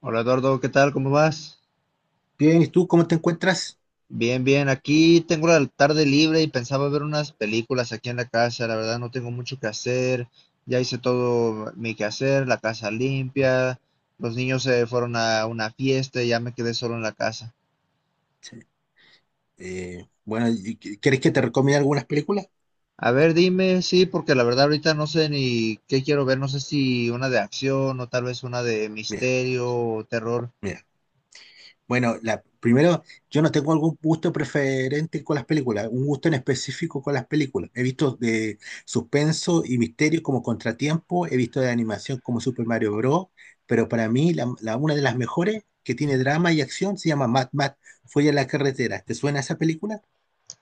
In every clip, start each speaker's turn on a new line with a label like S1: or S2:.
S1: Hola Eduardo, ¿qué tal? ¿Cómo vas?
S2: Bien, ¿y tú cómo te encuentras?
S1: Bien, bien. Aquí tengo la tarde libre y pensaba ver unas películas aquí en la casa. La verdad no tengo mucho que hacer. Ya hice todo mi quehacer, la casa limpia. Los niños se fueron a una fiesta y ya me quedé solo en la casa.
S2: Bueno, ¿quieres que te recomiende algunas películas?
S1: A ver, dime, sí, porque la verdad ahorita no sé ni qué quiero ver. No sé si una de acción o tal vez una de
S2: Mira,
S1: misterio o terror.
S2: mira. Bueno, primero, yo no tengo algún gusto preferente con las películas, un gusto en específico con las películas. He visto de suspenso y misterio como Contratiempo, he visto de animación como Super Mario Bros., pero para mí una de las mejores que tiene drama y acción se llama Mad Mad, fue a la carretera. ¿Te suena esa película?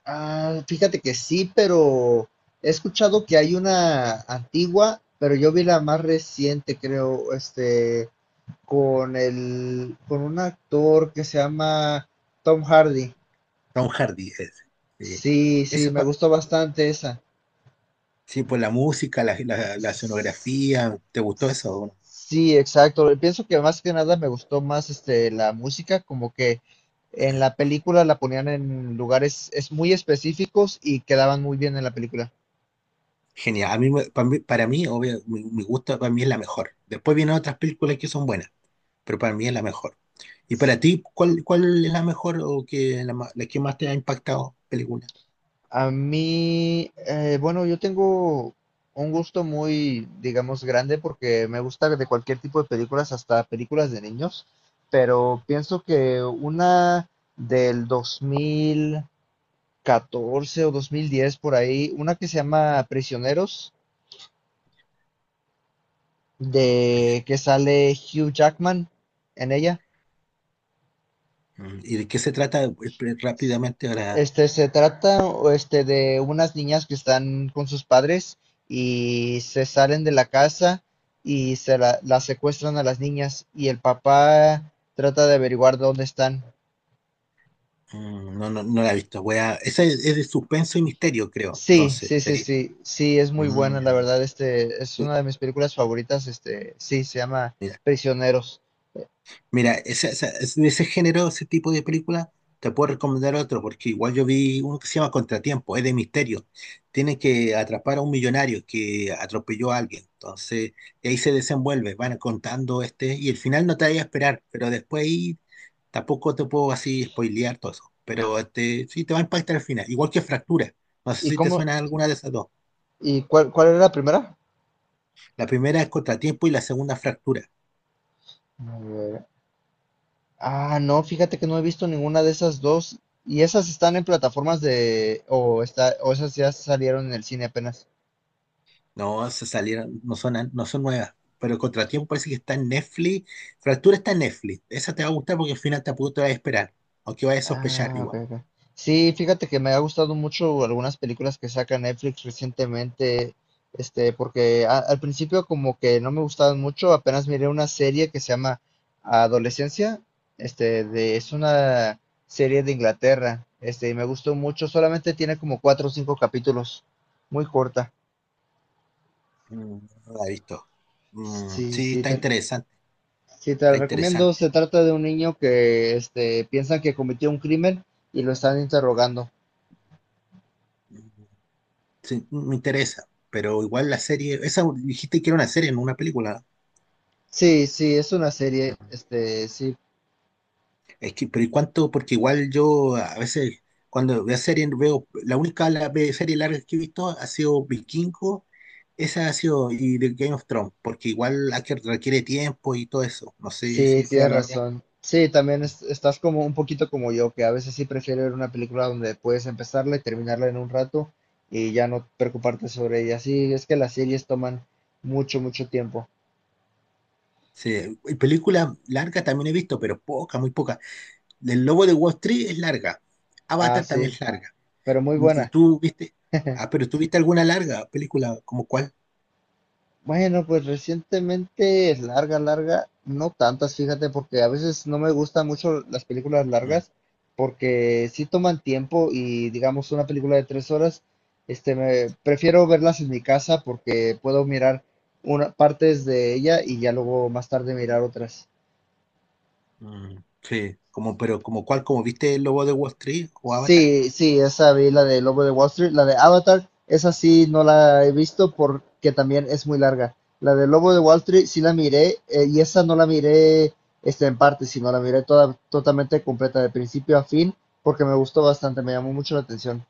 S1: Ah, fíjate que sí, pero he escuchado que hay una antigua, pero yo vi la más reciente, creo, con un actor que se llama Tom Hardy.
S2: Tom Hardy es. Sí.
S1: Sí, sí,
S2: Esa,
S1: me gustó bastante esa.
S2: Sí, pues la música, la escenografía, ¿te gustó eso?
S1: Sí, exacto. Pienso que más que nada me gustó más la música, como que en la película la ponían en lugares es muy específicos y quedaban muy bien en la película.
S2: Genial. A mí, para mí, obvio, mi gusto para mí es la mejor. Después vienen otras películas que son buenas, pero para mí es la mejor. ¿Y para ti, cuál es la mejor o que, la, ma- la que más te ha impactado película?
S1: A mí, bueno, yo tengo un gusto muy, digamos, grande porque me gusta de cualquier tipo de películas, hasta películas de niños, pero pienso que una del 2014 o 2010 por ahí, una que se llama Prisioneros,
S2: ¿Pris?
S1: de que sale Hugh Jackman en ella.
S2: Mm. ¿Y de qué se trata rápidamente ahora?
S1: Se trata de unas niñas que están con sus padres y se salen de la casa y las secuestran a las niñas y el papá trata de averiguar dónde están.
S2: Mm. No, no, no la he visto. Esa es de suspenso y misterio, creo.
S1: Sí,
S2: Entonces,
S1: sí, sí,
S2: sería.
S1: sí, sí, es muy buena, la
S2: Mm.
S1: verdad, es una de mis películas favoritas, sí, se llama
S2: Mira.
S1: Prisioneros.
S2: Mira, de ese género, ese tipo de película, te puedo recomendar otro, porque igual yo vi uno que se llama Contratiempo, es de misterio. Tiene que atrapar a un millonario que atropelló a alguien. Entonces, ahí se desenvuelve, van contando, y el final no te vaya a esperar, pero después ahí tampoco te puedo así spoilear todo eso. Pero sí te va a impactar el final, igual que Fractura. No sé
S1: ¿Y
S2: si te
S1: cómo,
S2: suena alguna de esas dos.
S1: y cuál, cuál era la primera?
S2: La primera es Contratiempo y la segunda Fractura.
S1: A ver, ah, no, fíjate que no he visto ninguna de esas dos. ¿Y esas están en plataformas o esas ya salieron en el cine apenas?
S2: No, se salieron, no son nuevas. Pero Contratiempo parece que está en Netflix. Fractura está en Netflix. Esa te va a gustar porque al final tampoco te vas a esperar. Aunque vayas a sospechar
S1: Ah,
S2: igual.
S1: ok, ok. Sí, fíjate que me ha gustado mucho algunas películas que saca Netflix recientemente, porque al principio como que no me gustaban mucho, apenas miré una serie que se llama Adolescencia, es una serie de Inglaterra, y me gustó mucho, solamente tiene como cuatro o cinco capítulos, muy corta.
S2: Mm. No la he visto. Mm,
S1: Sí,
S2: sí,
S1: sí,
S2: está
S1: te-
S2: interesante.
S1: Sí, te la
S2: Está
S1: recomiendo.
S2: interesante.
S1: Se trata de un niño que piensan que cometió un crimen y lo están interrogando.
S2: Mm, sí, me interesa. Pero igual la serie. Esa dijiste que era una serie, no una película,
S1: Sí, sí, es una
S2: ¿no?
S1: serie. Sí,
S2: Es que, pero ¿y cuánto? Porque igual yo a veces cuando veo series, la única serie larga que he visto ha sido Vikingo, esa ha sido, y de Game of Thrones, porque igual requiere tiempo y todo eso. No sé
S1: sí,
S2: si sea
S1: tienes
S2: larga.
S1: razón. Sí, también estás como un poquito como yo, que a veces sí prefiero ver una película donde puedes empezarla y terminarla en un rato y ya no preocuparte sobre ella. Sí, es que las series toman mucho, mucho tiempo.
S2: Sí, y películas largas también he visto, pero poca, muy poca. El Lobo de Wall Street es larga.
S1: Ah,
S2: Avatar también
S1: sí,
S2: es larga.
S1: pero muy
S2: ¿Y
S1: buena.
S2: tú viste? Ah, pero ¿tú viste alguna larga película? ¿Como cuál?
S1: Bueno, pues recientemente es larga, larga, no tantas, fíjate, porque a veces no me gustan mucho las películas
S2: Mm,
S1: largas, porque sí toman tiempo y digamos una película de 3 horas, me prefiero verlas en mi casa porque puedo mirar partes de ella y ya luego más tarde mirar otras.
S2: mm, sí, pero ¿como cuál? ¿Como viste El Lobo de Wall Street o Avatar?
S1: Sí, sí, esa vi la de Lobo de Wall Street, la de Avatar, esa sí no la he visto porque también es muy larga. La de Lobo de Wall Street sí la miré y esa no la miré en parte, sino la miré toda, totalmente completa, de principio a fin, porque me gustó bastante, me llamó mucho la atención.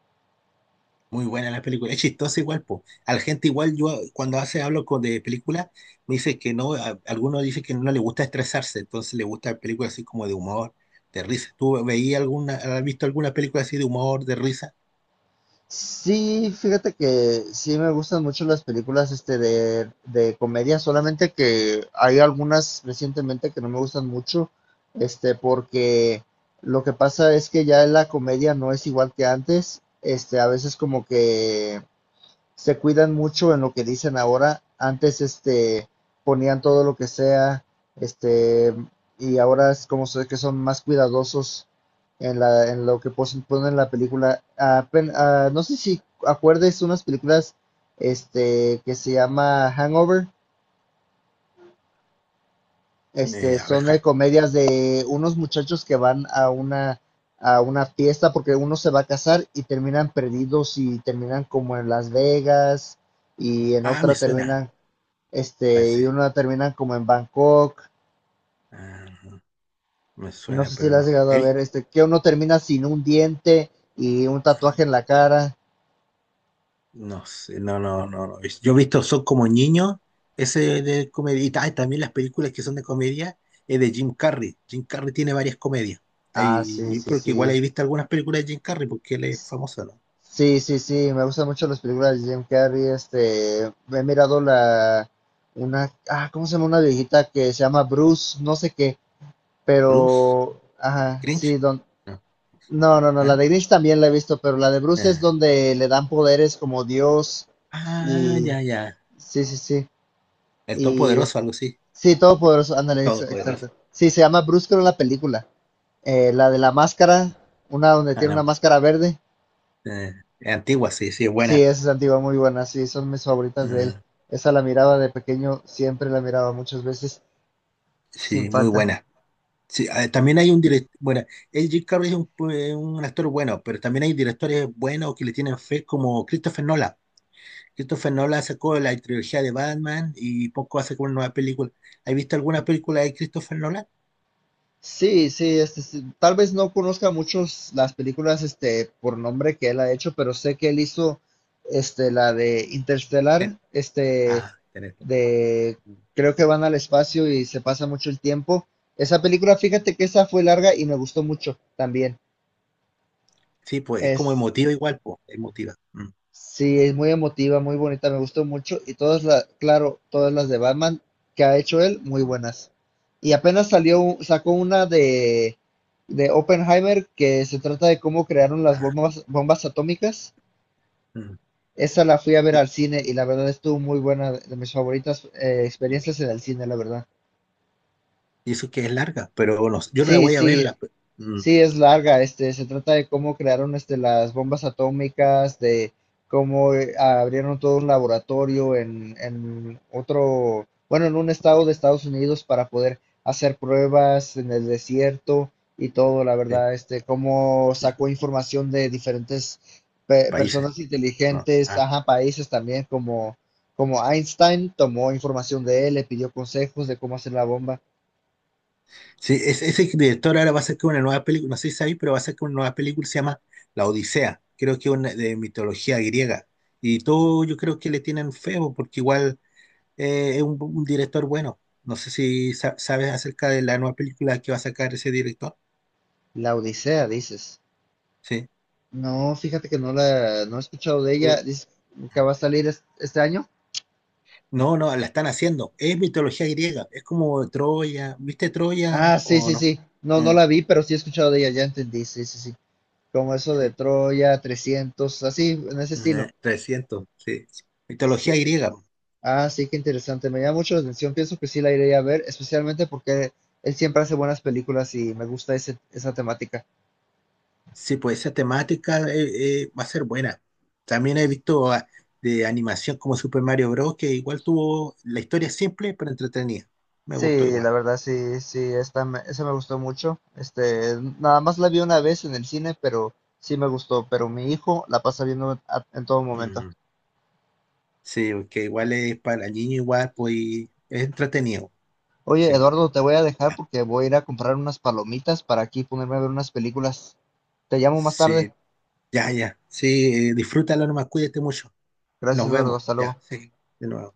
S2: Muy buena la película, es chistosa igual, po. A la gente igual, yo cuando hace hablo de películas, me dice que no, algunos dicen que no le gusta estresarse, entonces le gusta películas así como de humor, de risa. ¿Has visto alguna película así de humor, de risa?
S1: Sí, fíjate que sí me gustan mucho las películas de comedia, solamente que hay algunas recientemente que no me gustan mucho, porque lo que pasa es que ya la comedia no es igual que antes, a veces como que se cuidan mucho en lo que dicen ahora. Antes ponían todo lo que sea, este, y ahora es como se que son más cuidadosos en lo que ponen en la película. No sé si acuerdes unas películas que se llama Hangover,
S2: A ver,
S1: son de comedias de unos muchachos que van a una fiesta porque uno se va a casar y terminan perdidos y terminan como en Las Vegas y en
S2: ah, me
S1: otra
S2: suena,
S1: terminan y
S2: parece.
S1: uno termina como en Bangkok,
S2: Ah, me
S1: no
S2: suena,
S1: sé si
S2: pero
S1: la has
S2: no.
S1: llegado a ver, que uno termina sin un diente y un tatuaje en la cara.
S2: No sé, no, no, no, no. Yo he visto Son como niños, ese de comedia. Y también las películas que son de comedia es de Jim Carrey. Jim Carrey tiene varias comedias.
S1: Ah, sí,
S2: Yo
S1: sí,
S2: creo que igual
S1: sí.
S2: hay visto algunas películas de Jim Carrey porque él es famoso, ¿no?
S1: Sí, sí, sí, me gustan mucho las películas de Jim Carrey, he mirado una, ¿cómo se llama? Una viejita que se llama Bruce, no sé qué,
S2: Bruce,
S1: pero, ajá, sí,
S2: Grinch, ¿no?
S1: no, no, no, la
S2: ¿Ah?
S1: de Grinch también la he visto, pero la de Bruce es
S2: Eh.
S1: donde le dan poderes como Dios
S2: Ah,
S1: y,
S2: ya, ya.
S1: sí, sí, sí,
S2: El
S1: y
S2: Todopoderoso, algo así.
S1: Sí, todopoderoso, ándale,
S2: Todopoderoso.
S1: exacto. Sí, se llama Bruce en la película. La de la máscara, una donde
S2: Ah,
S1: tiene una
S2: no.
S1: máscara verde.
S2: Eh, es antigua, sí, sí, es
S1: Sí,
S2: buena.
S1: esa es antigua, muy buena. Sí, son mis favoritas de él.
S2: Eh,
S1: Esa la miraba de pequeño, siempre la miraba muchas veces, sin
S2: sí, muy
S1: falta.
S2: buena. Sí, también hay un director, bueno, el Jim Carrey es un actor bueno, pero también hay directores buenos que le tienen fe, como Christopher Nolan. Christopher Nolan sacó la trilogía de Batman y poco hace con una nueva película. ¿Has visto alguna película de Christopher Nolan?
S1: Sí, sí, sí, tal vez no conozca muchos las películas por nombre que él ha hecho, pero sé que él hizo la de
S2: Ten-
S1: Interstellar, este
S2: ah, tenés.
S1: de
S2: Mm.
S1: creo que van al espacio y se pasa mucho el tiempo. Esa película, fíjate que esa fue larga y me gustó mucho también.
S2: Sí, pues es como
S1: Es
S2: emotiva igual, pues, emotiva. Mm,
S1: Sí, es muy emotiva, muy bonita, me gustó mucho. Y todas las, claro, todas las de Batman que ha hecho él, muy
S2: mm,
S1: buenas. Y apenas salió, sacó una de Oppenheimer que se trata de cómo crearon las
S2: ah,
S1: bombas, bombas atómicas.
S2: mm.
S1: Esa la fui a ver al cine y la verdad estuvo muy buena, de mis favoritas
S2: Mm.
S1: experiencias en el cine, la verdad.
S2: Y eso que es larga, pero bueno, yo no la
S1: Sí,
S2: voy a
S1: sí,
S2: verla, pues. Mm.
S1: Sí, es larga, se trata de cómo crearon las bombas atómicas, de cómo abrieron todo un laboratorio en otro, bueno, en un estado de Estados Unidos para poder hacer pruebas en el desierto y todo, la
S2: Sí,
S1: verdad, cómo sacó información de diferentes
S2: países,
S1: personas
S2: ¿no?
S1: inteligentes,
S2: Ah.
S1: ajá, países también, como Einstein tomó información de él, le pidió consejos de cómo hacer la bomba,
S2: Sí, ese director ahora va a sacar una nueva película, no sé si sabéis, pero va a sacar una nueva película, que se llama La Odisea, creo que es una de mitología griega. Y todo yo creo que le tienen feo, porque igual es un director bueno. No sé si sabes acerca de la nueva película que va a sacar ese director.
S1: la Odisea, dices.
S2: Sí,
S1: No, fíjate que no he escuchado de ella.
S2: pero
S1: Dice que va a salir este año.
S2: no, no, la están haciendo. Es mitología griega, es como Troya, ¿viste Troya
S1: Ah, sí,
S2: o
S1: sí,
S2: no?
S1: sí. No, no
S2: Mm,
S1: la vi, pero sí he escuchado de ella, ya entendí. Sí, sí, sí. Como eso de
S2: sí.
S1: Troya, 300, así, en ese
S2: Mm,
S1: estilo.
S2: 300, sí.
S1: Sí.
S2: Mitología griega.
S1: Ah, sí, qué interesante. Me llama mucho la atención. Pienso que sí la iré a ver, especialmente porque él siempre hace buenas películas y me gusta esa temática.
S2: Sí, pues esa temática va a ser buena. También he visto, de animación como Super Mario Bros. Que igual tuvo la historia simple pero entretenida. Me gustó
S1: Sí, la
S2: igual.
S1: verdad sí, sí, esa me gustó mucho. Nada más la vi una vez en el cine, pero sí me gustó. Pero mi hijo la pasa viendo en todo momento.
S2: Ujú. Sí, que igual es para niños igual, pues y es entretenido.
S1: Oye,
S2: Sí.
S1: Eduardo, te voy a dejar
S2: Ah,
S1: porque voy a ir a comprar unas palomitas para aquí ponerme a ver unas películas. Te llamo más
S2: sí,
S1: tarde.
S2: ya, ya. Sí, disfrútalo nomás, cuídate mucho.
S1: Gracias,
S2: Nos
S1: Eduardo.
S2: vemos.
S1: Hasta
S2: Ya,
S1: luego.
S2: sí, de nuevo.